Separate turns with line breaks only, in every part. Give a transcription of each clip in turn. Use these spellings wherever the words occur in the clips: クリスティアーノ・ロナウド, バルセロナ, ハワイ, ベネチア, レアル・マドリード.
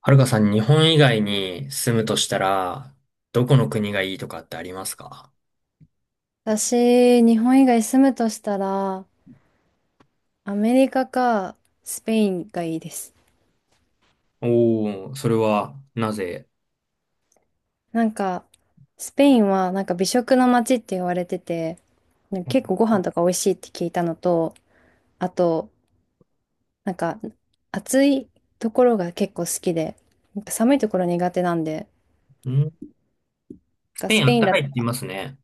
はるかさん、日本以外に住むとしたら、どこの国がいいとかってありますか？
私、日本以外住むとしたら、アメリカかスペインがいいです。
おー、それは、なぜ？
なんか、スペインは美食の街って言われてて、結構ご飯とか美味しいって聞いたのと、あと、なんか暑いところが結構好きで、寒いところ苦手なんで、なん
んス
か
ペイ
ス
ンあ
ペ
っ
イン
た
だ
かい
と
って言いますね。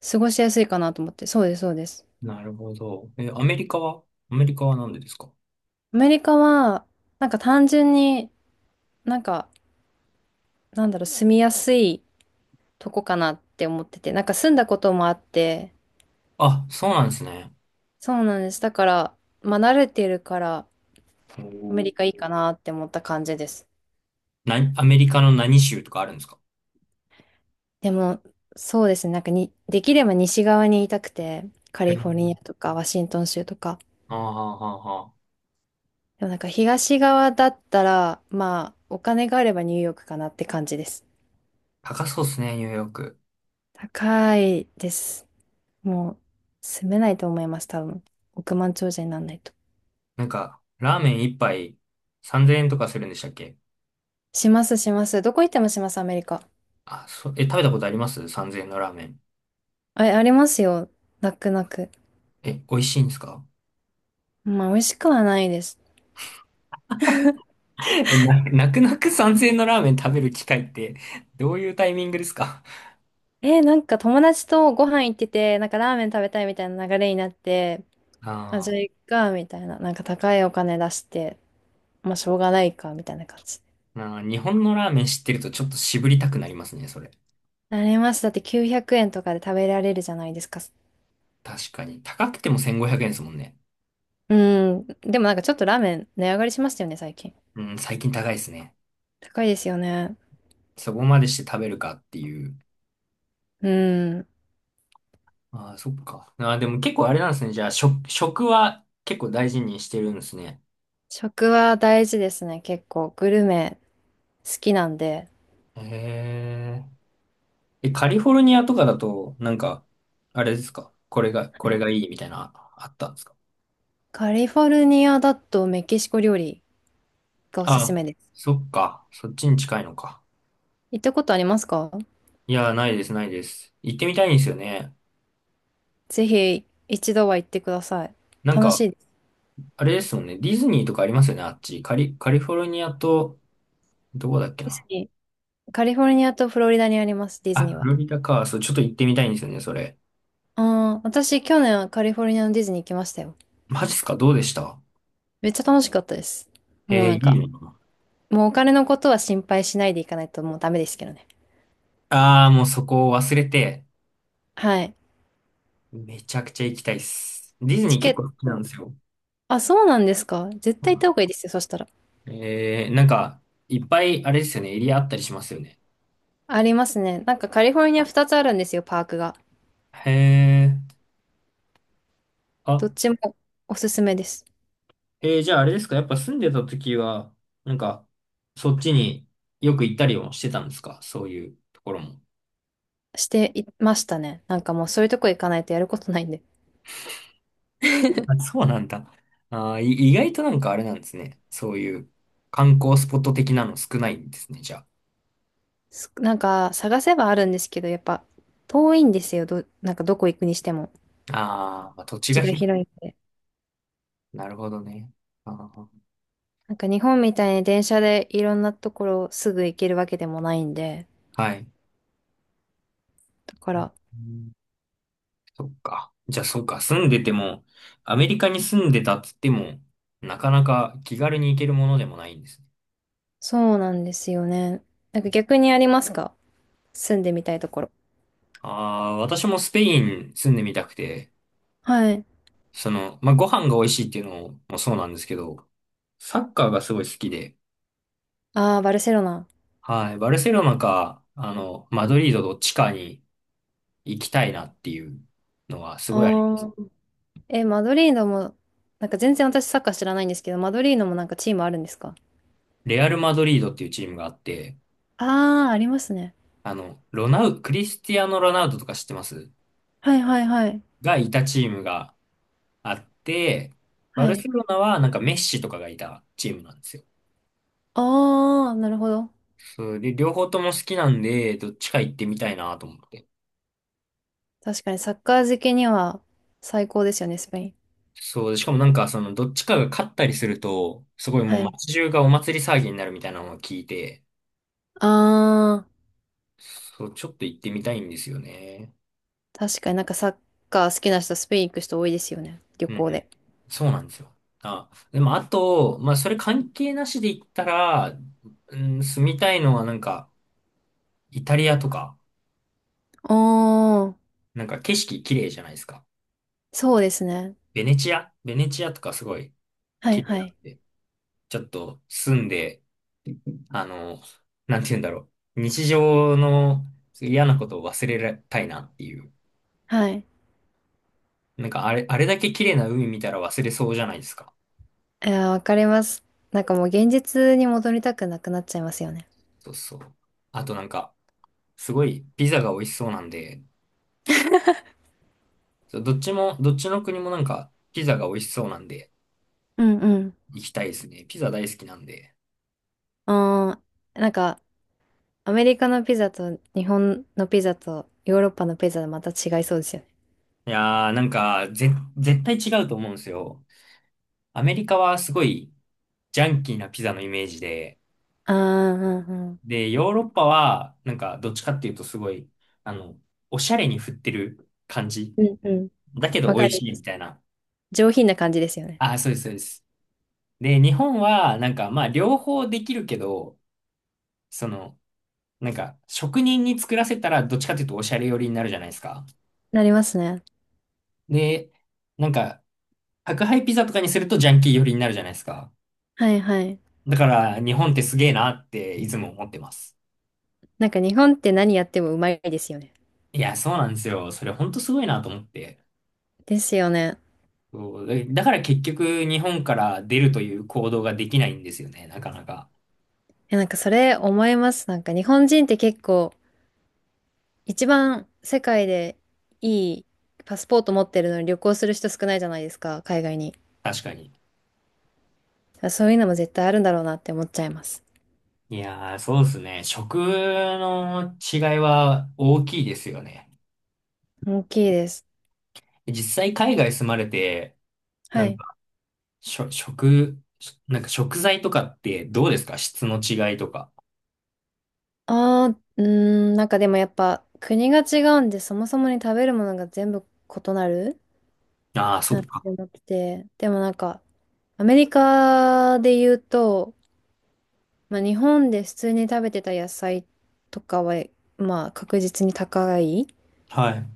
過ごしやすいかなと思って、そうです、そうです。
なるほど。え、アメリカはなんでですか？
アメリカは、なんか単純になんか、なんだろう、住みやすいとこかなって思ってて、なんか住んだこともあって、
あ、そうなんですね。
そうなんです。だから、まあ慣れてるから、アメ
おー。
リカいいかなって思った感じです。
アメリカの何州とかあるんですか？
でも、そうですね。なんかに、できれば西側にいたくて、カ
へ
リフォル
ー、
ニアとかワシントン州とか。
あーはーはーはー、
でもなんか東側だったら、まあ、お金があればニューヨークかなって感じです。
高そうですね、ニューヨーク。
高いです。もう、住めないと思います、多分。億万長者にならないと。
なんか、ラーメン一杯3000円とかするんでしたっけ？
します、します。どこ行ってもします、アメリカ。
あ、そ、え、食べたことあります？ 3000 円のラーメン。
あ、ありますよ。泣く泣く。
え、美味しいんですか？
まあ、美味しくはないです。
え、泣く泣く参円のラーメン食べる機会って、どういうタイミングですか？
友達とご飯行ってて、なんかラーメン食べたいみたいな流れになって、まあ、じ
あ
ゃあ
あ、
行くか、みたいな。なんか高いお金出して、まあ、しょうがないか、みたいな感じ。
日本のラーメン知ってるとちょっと渋りたくなりますね、それ。
なります。だって900円とかで食べられるじゃないですか。
確かに。高くても1500円ですもんね。
うん。でもなんかちょっとラーメン値上がりしましたよね、最近。
うん、最近高いですね。
高いですよね。
そこまでして食べるかっていう。
うん。
ああ、そっか。ああ、でも結構あれなんですね。じゃあ、食は結構大事にしてるんですね。
食は大事ですね、結構。グルメ好きなんで。
へえ。え、カリフォルニアとかだと、なんか、あれですか？これが、
は
こ
い、
れがいいみたいな、あったんですか？
カリフォルニアだとメキシコ料理がおすす
あ、
めです。
そっか。そっちに近いのか。
行ったことありますか？
いや、ないです、ないです。行ってみたいんですよね。
ぜひ一度は行ってください。
なん
楽し
か、
いです。
あれですもんね。ディズニーとかありますよね、あっち。カリフォルニアと、どこだっけ
ディズ
な。
ニー。カリフォルニアとフロリダにあります、ディズ
あ、
ニー
フ
は。
ロリダか。そう、ちょっと行ってみたいんですよね、それ。
ああ、私去年はカリフォルニアのディズニー行きましたよ。
マジっすか？どうでした？
めっちゃ楽しかったです。もう
え
な
ー、
ん
いい
か、
の？
もうお金のことは心配しないでいかないともうダメですけどね。
ああー、もうそこを忘れて、
はい。
めちゃくちゃ行きたいっす。ディズニ
チ
ー
ケ
結構
ッ
好きなん
ト。
ですよ。
あ、そうなんですか？絶対行った方がいいですよ、そしたら。
えー、なんか、いっぱい、あれですよね、エリアあったりしますよね。
ありますね。なんかカリフォルニア2つあるんですよ、パークが。
へえ。あ、
どっちもおすすめです。
えー、じゃああれですか、やっぱ住んでた時は、なんか、そっちによく行ったりもしてたんですか？そういうところも。
していましたね。なんかもうそういうとこ行かないとやることないんで。
あ、そうなんだ。あー、意外となんかあれなんですね。そういう観光スポット的なの少ないんですね、じゃ
なんか探せばあるんですけど、やっぱ遠いんですよ。なんかどこ行くにしても。
あ。あー、まあ、土地
土地
が
が
広
広いんで。
い。なるほどね。あー、
なんか日本みたいに電車でいろんなところすぐ行けるわけでもないんで。
はい。
だから、
うん、そっか。じゃあ、そうか。住んでても、アメリカに住んでたっつっても、なかなか気軽に行けるものでもないんですね。
そうなんですよね。なんか逆にありますか？住んでみたいところ。
ああ、私もスペイン住んでみたくて、
はい。
その、まあ、ご飯が美味しいっていうのもそうなんですけど、サッカーがすごい好きで、
ああ、バルセロナ。
はい、バルセロナか、あの、マドリードどっちかに行きたいなっていうのはすごいあります。
ああ。え、マドリードも、なんか全然私サッカー知らないんですけど、マドリードもなんかチームあるんですか？
レアル・マドリードっていうチームがあって、
ああー、ありますね。
あの、ロナウ、クリスティアーノ・ロナウドとか知ってます？
はいはいはい。
がいたチームがあって、バ
は
ルセ
い。
ロナはなんかメッシとかがいたチームなんですよ。
ああ、なるほど。
そうで、両方とも好きなんで、どっちか行ってみたいなと思って。
確かにサッカー好きには最高ですよね、スペイン。
そう、しかもなんか、その、どっちかが勝ったりすると、すごいも
は
う
い。
街中がお祭り騒ぎになるみたいなのを聞いて、
あ
そう、ちょっと行ってみたいんですよね。
ー、確かになんかサッカー好きな人、スペイン行く人多いですよね、旅
うんうん。
行で。
そうなんですよ。あ、でもあと、まあ、それ関係なしで言ったら、うん、住みたいのはなんか、イタリアとか、
おー、
なんか景色綺麗じゃないですか。
そうですね。
ベネチアとかすごい
はい
綺麗
は
なん
い。
で、ちょっと住んで、あの、なんて言うんだろう。日常の嫌なことを忘れたいなっていう。
はい。
なんかあれ、あれだけ綺麗な海見たら忘れそうじゃないですか。
いやー、わかります。なんかもう現実に戻りたくなくなっちゃいますよね。
そうそう。あとなんか、すごいピザが美味しそうなんで、そうどっちも、どっちの国もなんかピザが美味しそうなんで、
うんうん。
行きたいですね。ピザ大好きなんで。
あー、なんかアメリカのピザと日本のピザとヨーロッパのピザでまた違いそうですよね。
いやー、なんか、絶対違うと思うんですよ。アメリカはすごいジャンキーなピザのイメージで、
あー、うんうん。
で、ヨーロッパはなんかどっちかっていうとすごい、あの、おしゃれに振ってる感じ。
うんうん。
だけど
わか
美味
り
しい
ま
み
す。
たいな。
上品な感じですよね。
ああ、そうです、そうです。で、日本は、なんか、まあ、両方できるけど、その、なんか、職人に作らせたら、どっちかというと、おしゃれ寄りになるじゃないですか。
なりますね。
で、なんか、宅配ピザとかにすると、ジャンキー寄りになるじゃないですか。
はいはい。
だから、日本ってすげえなって、いつも思ってます。
なんか日本って何やってもうまいですよね。
いや、そうなんですよ。それ、ほんとすごいなと思って。
ですよね。
そうだだから結局、日本から出るという行動ができないんですよね、なかなか。
え、なんかそれ思います。なんか日本人って結構一番世界でいいパスポート持ってるのに旅行する人少ないじゃないですか、海外に。
確かに。
そういうのも絶対あるんだろうなって思っちゃいます。
いやー、そうですね。食の違いは大きいですよね。
大きいです。
実際海外住まれて、な
は
ん
い。
か、しょ、食、なんか食材とかってどうですか？質の違いとか。
ああうーなんかでもやっぱ国が違うんでそもそもに食べるものが全部異なる
ああ、そっ
なって
か。
思ってて。でもなんかアメリカで言うと、まあ、日本で普通に食べてた野菜とかは、まあ、確実に高い
はい。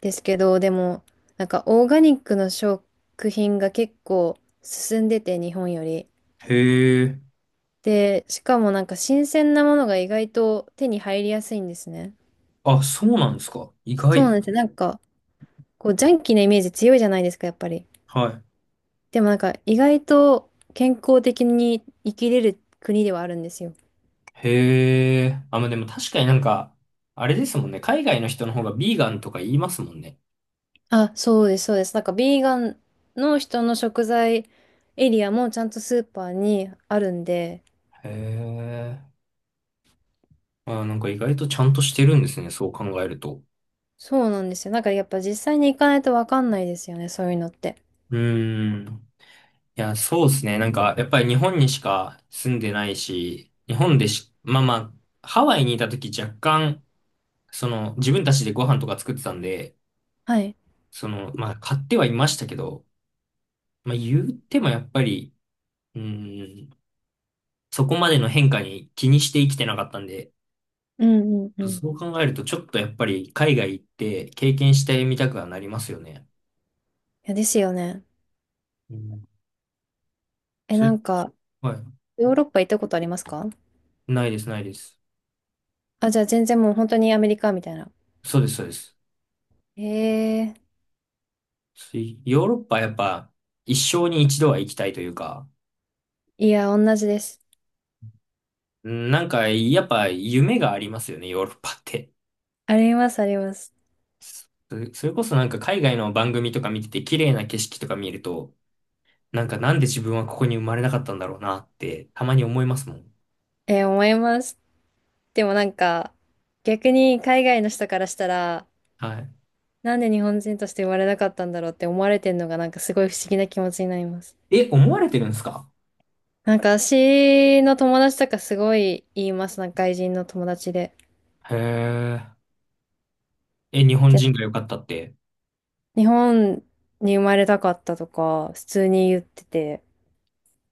ですけど、でも、なんか、オーガニックの食品が結構進んでて、日本より。
へえ。
で、しかもなんか、新鮮なものが意外と手に入りやすいんですね。
あ、そうなんですか。意
そうな
外。
んですよ。なんか、こう、ジャンキーなイメージ強いじゃないですか、やっぱり。
は
でもなんか、意外と健康的に生きれる国ではあるんですよ。
い。へえ。あ、まあ、でも確かになんか、あれですもんね。海外の人の方がビーガンとか言いますもんね。
あ、そうです、そうです。なんか、ビーガンの人の食材エリアもちゃんとスーパーにあるんで、
へえ。あ、なんか意外とちゃんとしてるんですね。そう考えると。
そうなんですよ。なんか、やっぱ実際に行かないとわかんないですよね、そういうのって。
うーん。いや、そうですね。なんか、やっぱり日本にしか住んでないし、日本でし、まあまあ、ハワイにいた時若干、その、自分たちでご飯とか作ってたんで、
はい。
その、まあ、買ってはいましたけど、まあ、言ってもやっぱり、うーん、そこまでの変化に気にして生きてなかったんで、
うんうんうん。い
そう考えると、ちょっとやっぱり海外行って経験してみたくはなりますよね。
や、ですよね。
うん、
え、
そ
な
れ、
んか、
はい。
ヨーロッパ行ったことありますか？
ないです、ないです。
あ、じゃあ全然もう本当にアメリカみたいな。
そうです、そうです。
ええ、
ヨーロッパはやっぱ一生に一度は行きたいというか、
いや、同じです。
うん、なんかやっぱ夢がありますよね、ヨーロッパって。
あります、あります。
そそれこそなんか海外の番組とか見てて綺麗な景色とか見ると、なんかなんで自分はここに生まれなかったんだろうなってたまに思いますもん。
えー思います。でもなんか、逆に海外の人からしたら、
はい。
なんで日本人として生まれなかったんだろうって思われてんのがなんかすごい不思議な気持ちになります。
え、思われてるんですか？
なんか私の友達とかすごい言います。なんか外人の友達で。
へえ。え、日本
で、
人が良かったって。
日本に生まれたかったとか普通に言ってて、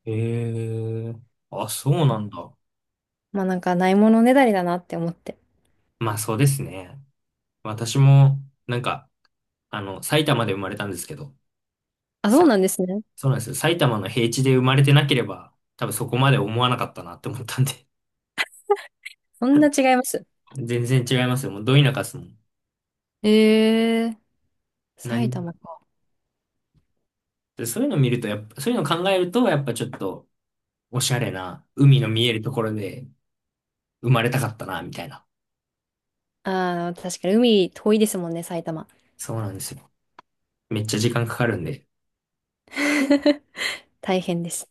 へえ。あ、そうなんだ。
まあなんかないものねだりだなって思って。
まあそうですね。私もなんか、あの、埼玉で生まれたんですけど、
あ、そうなんですね。
そうなんですよ。埼玉の平地で生まれてなければ、多分そこまで思わなかったなって思ったんで。
そんな違います。
全然違いますよ。もうど田舎っすもん。
えー、
何
埼
も
玉か。
てそういうの見ると、やっぱ、そういうの考えると、やっぱちょっと、おしゃれな、海の見えるところで生まれたかったな、みたいな。
ああ、確かに海遠いですもんね、埼玉。
そうなんですよ。めっちゃ時間かかるんで。
大変です。